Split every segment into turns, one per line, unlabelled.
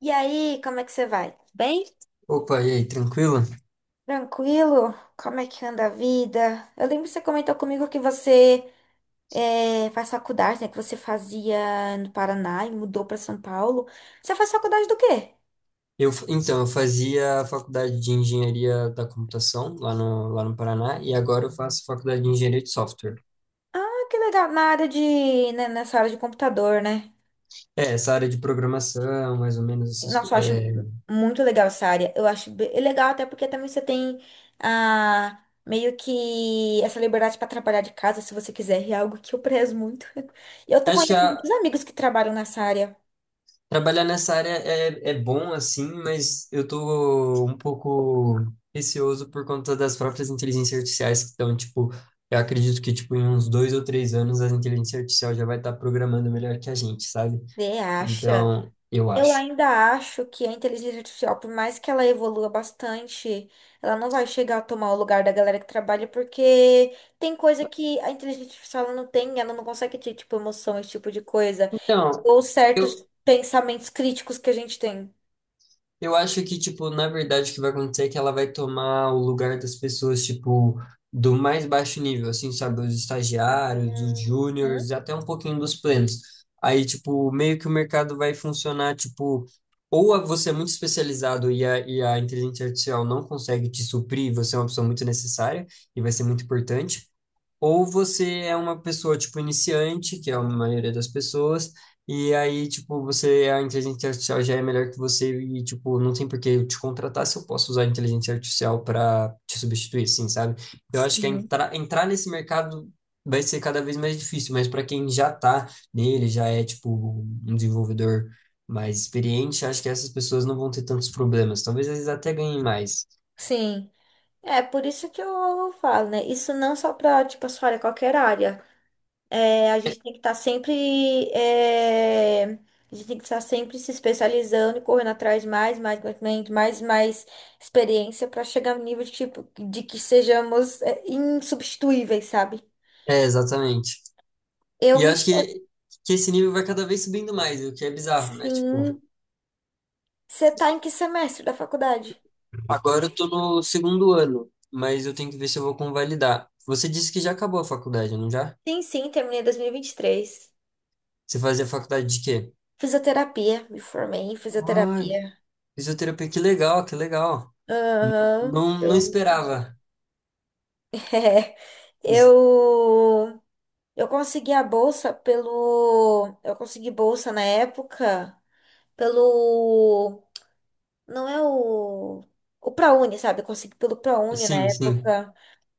E aí, como é que você vai? Bem?
Opa, e aí, tranquilo?
Tranquilo? Como é que anda a vida? Eu lembro que você comentou comigo que você faz faculdade, né? Que você fazia no Paraná e mudou para São Paulo. Você faz faculdade do quê?
Então, eu fazia a faculdade de engenharia da computação lá no Paraná e agora eu faço faculdade de engenharia de software.
Ah, que legal. Na área de, né, nessa área de computador, né?
É, essa área de programação, mais ou menos essas
Nossa,
coisas.
eu acho muito legal essa área. Eu acho é legal até porque também você tem meio que essa liberdade para trabalhar de casa, se você quiser, é algo que eu prezo muito. Eu tô
acho que
conhecendo
a-
muitos amigos que trabalham nessa área.
trabalhar nessa área é bom, assim, mas eu tô um pouco receoso por conta das próprias inteligências artificiais que estão, tipo, eu acredito que, tipo, em uns 2 ou 3 anos a inteligência artificial já vai estar programando melhor que a gente, sabe?
Você acha?
Então, eu
Eu
acho.
ainda acho que a inteligência artificial, por mais que ela evolua bastante, ela não vai chegar a tomar o lugar da galera que trabalha, porque tem coisa que a inteligência artificial ela não tem, ela não consegue ter, tipo, emoção, esse tipo de coisa,
Então,
ou certos pensamentos críticos que a gente tem.
eu acho que, tipo, na verdade, o que vai acontecer é que ela vai tomar o lugar das pessoas, tipo, do mais baixo nível, assim, sabe? Os estagiários, os
Uhum.
júniores, e até um pouquinho dos plenos. Aí, tipo, meio que o mercado vai funcionar, tipo, ou você é muito especializado e a inteligência artificial não consegue te suprir, você é uma pessoa muito necessária e vai ser muito importante, ou você é uma pessoa, tipo, iniciante, que é a maioria das pessoas, e aí, tipo, você, a inteligência artificial já é melhor que você e, tipo, não tem por que eu te contratar se eu posso usar a inteligência artificial para te substituir, assim, sabe? Eu acho que
Sim.
entrar nesse mercado vai ser cada vez mais difícil, mas para quem já tá nele, já é, tipo, um desenvolvedor mais experiente, acho que essas pessoas não vão ter tantos problemas. Talvez eles até ganhem mais.
Sim. É por isso que eu falo, né? Isso não só pra, tipo, a sua área, qualquer área. É, a gente tem que estar sempre. É, a gente tem que estar sempre se especializando e correndo atrás de mais, mais conhecimento, mais, mais experiência para chegar no nível de, tipo, de que sejamos é, insubstituíveis, sabe?
É, exatamente.
Eu
E eu
me
acho
formei.
que esse nível vai cada vez subindo mais, o que é bizarro, né? Tipo,
Sim. Você tá em que semestre da faculdade?
agora eu tô no segundo ano, mas eu tenho que ver se eu vou convalidar. Você disse que já acabou a faculdade, não já?
Sim, sim, terminei dois mil e vinte e três.
Você fazia faculdade de quê?
Fisioterapia, me formei em
Ah,
fisioterapia.
fisioterapia, que legal, que legal.
Aham,
Não, não
eu.
esperava.
É, eu. Eu consegui a bolsa pelo. Eu consegui bolsa na época pelo. Não é o. O ProUni, sabe? Eu consegui pelo ProUni na
Sim, sim.
época.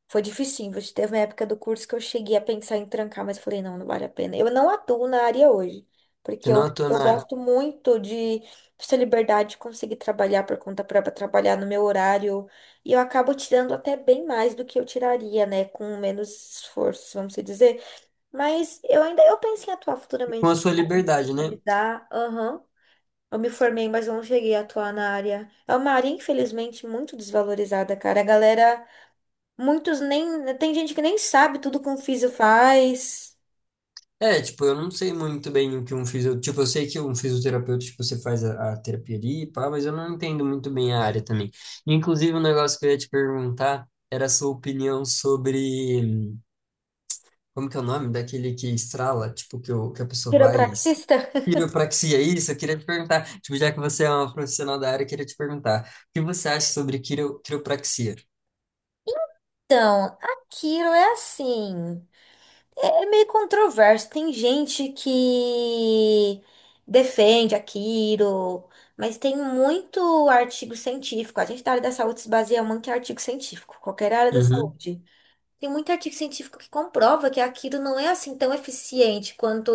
Foi difícil. Teve uma época do curso que eu cheguei a pensar em trancar, mas eu falei, não, não vale a pena. Eu não atuo na área hoje, porque eu,
Senão eu tô
eu
na.
gosto muito de essa liberdade de conseguir trabalhar por conta própria, trabalhar no meu horário. E eu acabo tirando até bem mais do que eu tiraria, né? Com menos esforço, vamos dizer. Mas eu ainda eu penso em atuar
Com
futuramente,
a
quem
sua
sabe, me
liberdade, né?
especializar. Aham. Eu me formei, mas eu não cheguei a atuar na área. É uma área, infelizmente, muito desvalorizada, cara. A galera, muitos nem. Tem gente que nem sabe tudo que um físio faz.
É, tipo, eu não sei muito bem o que um fisio. Tipo, eu sei que um fisioterapeuta, tipo, você faz a terapia ali, pá, mas eu não entendo muito bem a área também. Inclusive, um negócio que eu ia te perguntar era a sua opinião sobre. Como que é o nome? Daquele que estrala, tipo, que, o, que a pessoa vai.
Quiropraxista?
Quiropraxia, isso, eu queria te perguntar. Tipo, já que você é uma profissional da área, eu queria te perguntar. O que você acha sobre quiropraxia?
Então, a Quiro é assim. É meio controverso. Tem gente que defende aquilo, mas tem muito artigo científico. A gente da área da saúde se baseia muito em artigo científico, qualquer área da
Uhum,
saúde. Tem muito artigo científico que comprova que aquilo não é assim tão eficiente quanto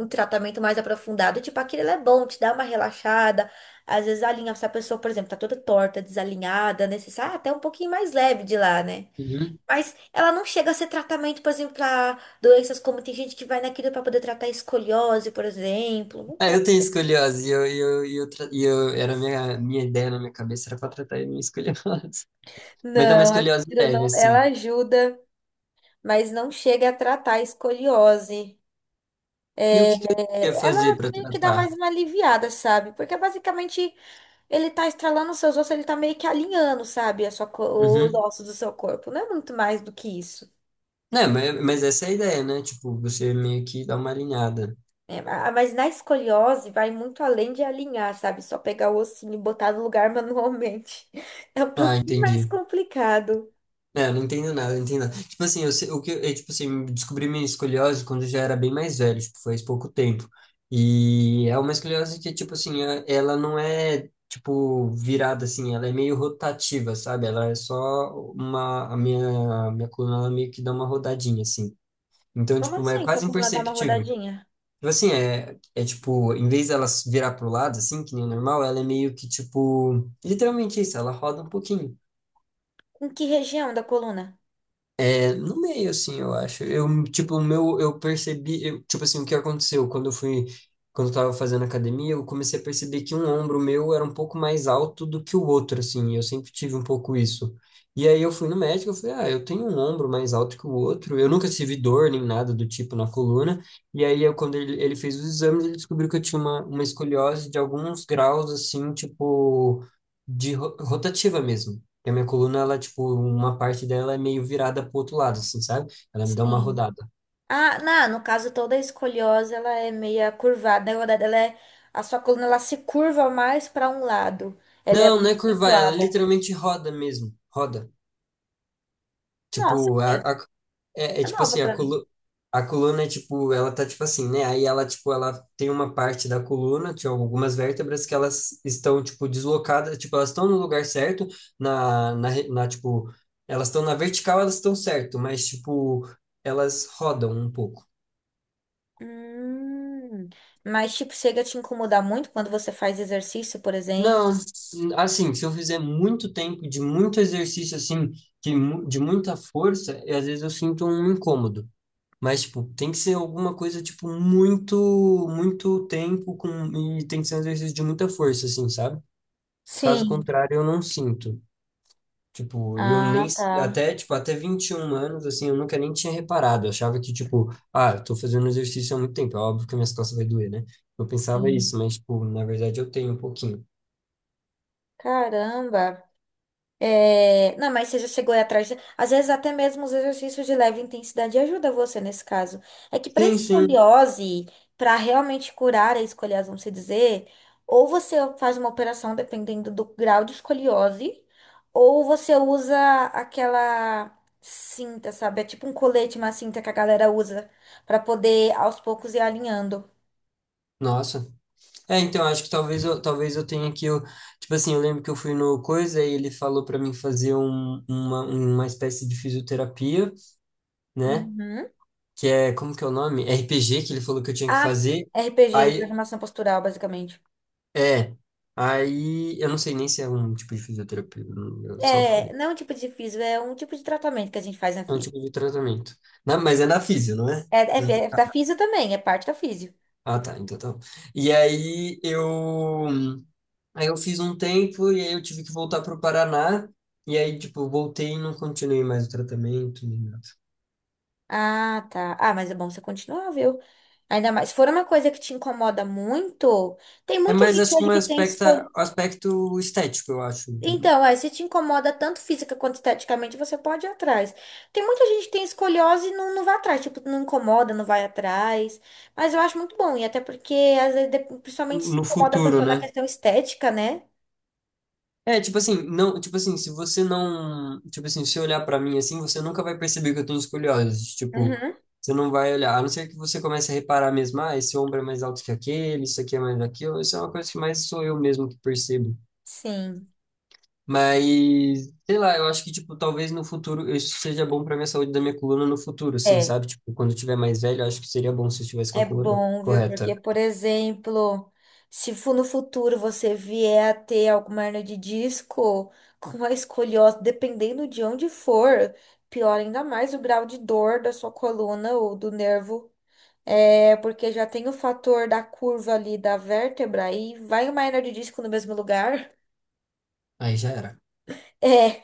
um tratamento mais aprofundado. Tipo, aquilo ele é bom, te dá uma relaxada. Às vezes alinha, se a pessoa, por exemplo, tá toda torta, desalinhada, né? Você sai até um pouquinho mais leve de lá, né?
uhum.
Mas ela não chega a ser tratamento, por exemplo, para doenças como tem gente que vai naquilo para poder tratar escoliose, por exemplo. Não,
Ah,
tra-
eu tenho escoliose e eu, e eu, e eu, tra- e eu era a minha ideia na minha cabeça era para tratar a minha escoliose. Mas é uma
Não,
escoliose
aquilo
leve,
não. Ela
assim.
ajuda, mas não chega a tratar a escoliose.
E o
É,
que que eu ia fazer
ela
para
meio que dá
tratar?
mais uma aliviada, sabe? Porque basicamente ele tá estralando os seus ossos, ele tá meio que alinhando, sabe? A sua, os
Uhum.
ossos do seu corpo. Não é muito mais do que isso.
Não, mas essa é a ideia, né? Tipo, você meio que dá uma alinhada.
É, mas na escoliose vai muito além de alinhar, sabe? Só pegar o ossinho e botar no lugar manualmente. É um
Ah,
pouquinho mais
entendi.
complicado.
É, eu não entendo nada, não entendo nada. Tipo assim, eu, se- o que, eu, tipo assim, descobri minha escoliose quando eu já era bem mais velho, tipo, faz pouco tempo. E é uma escoliose que, tipo assim, é- ela não é, tipo, virada assim, ela é meio rotativa, sabe? Ela é só uma, a minha coluna, ela meio que dá uma rodadinha, assim. Então,
Como
tipo, é
assim, só
quase
como ela dá uma
imperceptível. Tipo
rodadinha?
assim, é, é tipo, em vez dela virar pro lado, assim, que nem o normal, ela é meio que, tipo, literalmente isso, ela roda um pouquinho.
Com que região da coluna?
É, no meio, assim, eu acho. Eu, tipo, o meu, eu percebi, eu, tipo assim, o que aconteceu quando eu fui, quando eu tava fazendo academia, eu comecei a perceber que um ombro meu era um pouco mais alto do que o outro, assim, e eu sempre tive um pouco isso. E aí eu fui no médico, eu falei, ah, eu tenho um ombro mais alto que o outro, eu nunca tive dor nem nada do tipo na coluna, e aí eu, quando ele fez os exames, ele descobriu que eu tinha uma escoliose de alguns graus, assim, tipo, de rotativa mesmo. Porque a minha coluna, ela, tipo, uma parte dela é meio virada pro outro lado, assim, sabe? Ela me dá uma
Sim.
rodada.
Ah, não, no caso toda a escoliose, ela é meia curvada, né? Na verdade, ela é, a sua coluna ela se curva mais para um lado. Ela é
Não,
mais
não é curvar, ela
acentuada.
literalmente roda mesmo. Roda.
Nossa,
Tipo,
gente,
é, é
é
tipo
nova
assim, a,
para mim.
colu a coluna é tipo, ela tá tipo assim, né? Aí ela, tipo, ela tem uma parte da coluna, tinha algumas vértebras que elas estão, tipo, deslocadas, tipo, elas estão no lugar certo, na tipo, elas estão na vertical, elas estão certo, mas, tipo, elas rodam um pouco.
Hum. Mas, tipo, chega a te incomodar muito quando você faz exercício, por exemplo.
Não, assim, se eu fizer muito tempo de muito exercício, assim, de muita força, e às vezes eu sinto um incômodo. Mas, tipo, tem que ser alguma coisa, tipo, muito, muito tempo com, e tem que ser um exercício de muita força, assim, sabe? Caso
Sim.
contrário, eu não sinto. Tipo, eu nem,
Ah, tá.
se- até, tipo, até 21 anos, assim, eu nunca nem tinha reparado. Eu achava que, tipo, ah, eu tô fazendo exercício há muito tempo, é óbvio que minhas costas vai doer, né? Eu pensava
Sim.
isso, mas, tipo, na verdade eu tenho um pouquinho.
Caramba. É, não, mas você já chegou aí atrás. Às vezes, até mesmo os exercícios de leve intensidade ajuda você nesse caso. É que para
Sim, sim.
escoliose, para realmente curar a escoliose, vamos se dizer, ou você faz uma operação dependendo do grau de escoliose, ou você usa aquela cinta, sabe? É tipo um colete, uma cinta que a galera usa para poder aos poucos ir alinhando.
Nossa. É, então, acho que talvez eu tenha que, eu, tipo assim, eu lembro que eu fui no Coisa e ele falou pra mim fazer uma espécie de fisioterapia, né?
Uhum.
Que é, como que é o nome? RPG, que ele falou que eu tinha que
Ah,
fazer.
RPG,
Aí,
reprogramação postural, basicamente.
é, aí, eu não sei nem se é um tipo de fisioterapia, eu só
É,
falei.
não é um tipo de físio, é um tipo de tratamento que a gente faz na
É um
físio.
tipo de tratamento. Na- mas é na físio, não é?
É, é,
Não tô-.
é da físio também, é parte da físio.
Ah, tá, então tá. Bom. E aí, eu. Aí eu fiz um tempo e aí eu tive que voltar para o Paraná. E aí, tipo, voltei e não continuei mais o tratamento nem nada.
Ah, tá. Ah, mas é bom você continuar, viu? Ainda mais, se for uma coisa que te incomoda muito, tem
É
muita
mais,
gente
acho que
hoje que tem escolha.
um aspecto estético, eu acho,
Então, é, se te incomoda tanto física quanto esteticamente, você pode ir atrás. Tem muita gente que tem escoliose e não, não vai atrás, tipo, não incomoda, não vai atrás. Mas eu acho muito bom, e até porque, às vezes, principalmente se
no
incomoda a
futuro,
pessoa na
né?
questão estética, né?
É, tipo assim, não, tipo assim, se você não, tipo assim, se olhar pra mim assim, você nunca vai perceber que eu tenho escoliose, tipo,
Uhum.
você não vai olhar, a não ser que você comece a reparar mesmo, ah, esse ombro é mais alto que aquele, isso aqui é mais aquilo, isso é uma coisa que mais sou eu mesmo que percebo.
Sim.
Mas, sei lá, eu acho que, tipo, talvez no futuro isso seja bom pra minha saúde da minha coluna no futuro, assim,
É.
sabe? Tipo, quando eu tiver mais velho, eu acho que seria bom se eu tivesse com
É
a coluna
bom, viu? Porque,
correta.
por exemplo, se no futuro você vier a ter alguma hernia de disco com a escoliose, dependendo de onde for, piora ainda mais o grau de dor da sua coluna ou do nervo. É, porque já tem o fator da curva ali da vértebra e vai uma hernia de disco no mesmo lugar.
Aí já era.
é.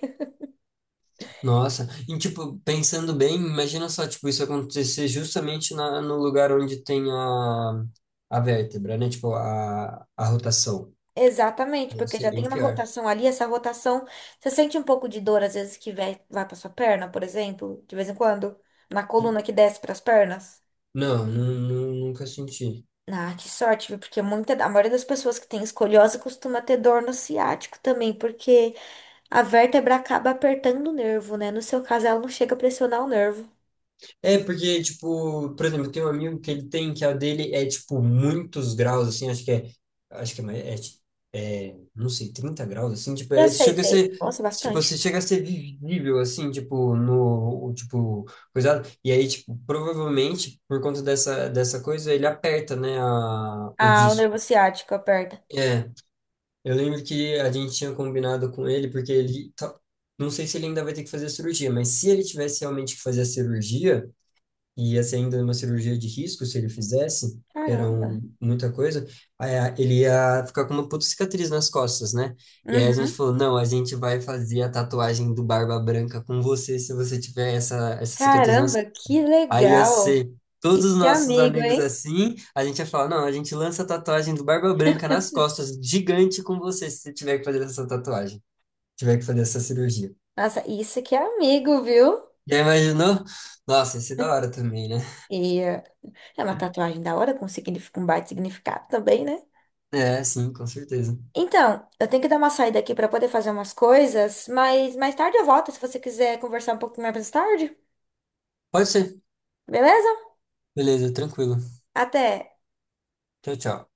Nossa, e tipo, pensando bem, imagina só, tipo, isso acontecer justamente na, no lugar onde tem a vértebra, né? Tipo, a rotação.
Exatamente,
Deve
porque
ser
já
bem
tem uma
pior.
rotação ali, essa rotação, você sente um pouco de dor às vezes que vai, vai para sua perna, por exemplo, de vez em quando, na coluna que desce para as pernas.
Não, nunca senti.
Ah, que sorte, viu? Porque muita, a maioria das pessoas que tem escoliose costuma ter dor no ciático também, porque a vértebra acaba apertando o nervo, né? No seu caso, ela não chega a pressionar o nervo.
É, porque, tipo, por exemplo, tem um amigo que ele tem, que a dele é, tipo, muitos graus, assim, acho que é, não sei, 30 graus, assim, tipo,
Eu
é,
sei,
chega a
sei.
ser,
Nossa,
tipo,
bastante.
você chega a ser visível, assim, tipo, no, o, tipo, coisado, e aí, tipo, provavelmente, por conta dessa coisa, ele aperta, né, o
Ah, o
disco.
nervo ciático aperta.
É, eu lembro que a gente tinha combinado com ele, porque ele, não sei se ele ainda vai ter que fazer a cirurgia, mas se ele tivesse realmente que fazer a cirurgia, e ia ser ainda uma cirurgia de risco se ele fizesse, que era
Caramba.
um, muita coisa, ele ia ficar com uma puta cicatriz nas costas, né? E aí a gente
Uhum.
falou, não, a gente vai fazer a tatuagem do Barba Branca com você se você tiver essa, essa cicatriz nas
Caramba,
costas.
que
Aí ia
legal.
ser
E
todos os
que
nossos
amigo,
amigos
hein?
assim, a gente ia falar, não, a gente lança a tatuagem do Barba Branca nas costas, gigante com você se você tiver que fazer essa tatuagem, tiver que fazer essa cirurgia.
Nossa, isso que é amigo, viu?
Já imaginou? Nossa, ia ser da hora também, né?
E é uma tatuagem da hora, com, signif- um baita significado também, né?
É, sim, com certeza.
Então, eu tenho que dar uma saída aqui para poder fazer umas coisas, mas mais tarde eu volto, se você quiser conversar um pouquinho mais tarde,
Pode ser.
beleza?
Beleza, tranquilo.
Até!
Tchau, tchau.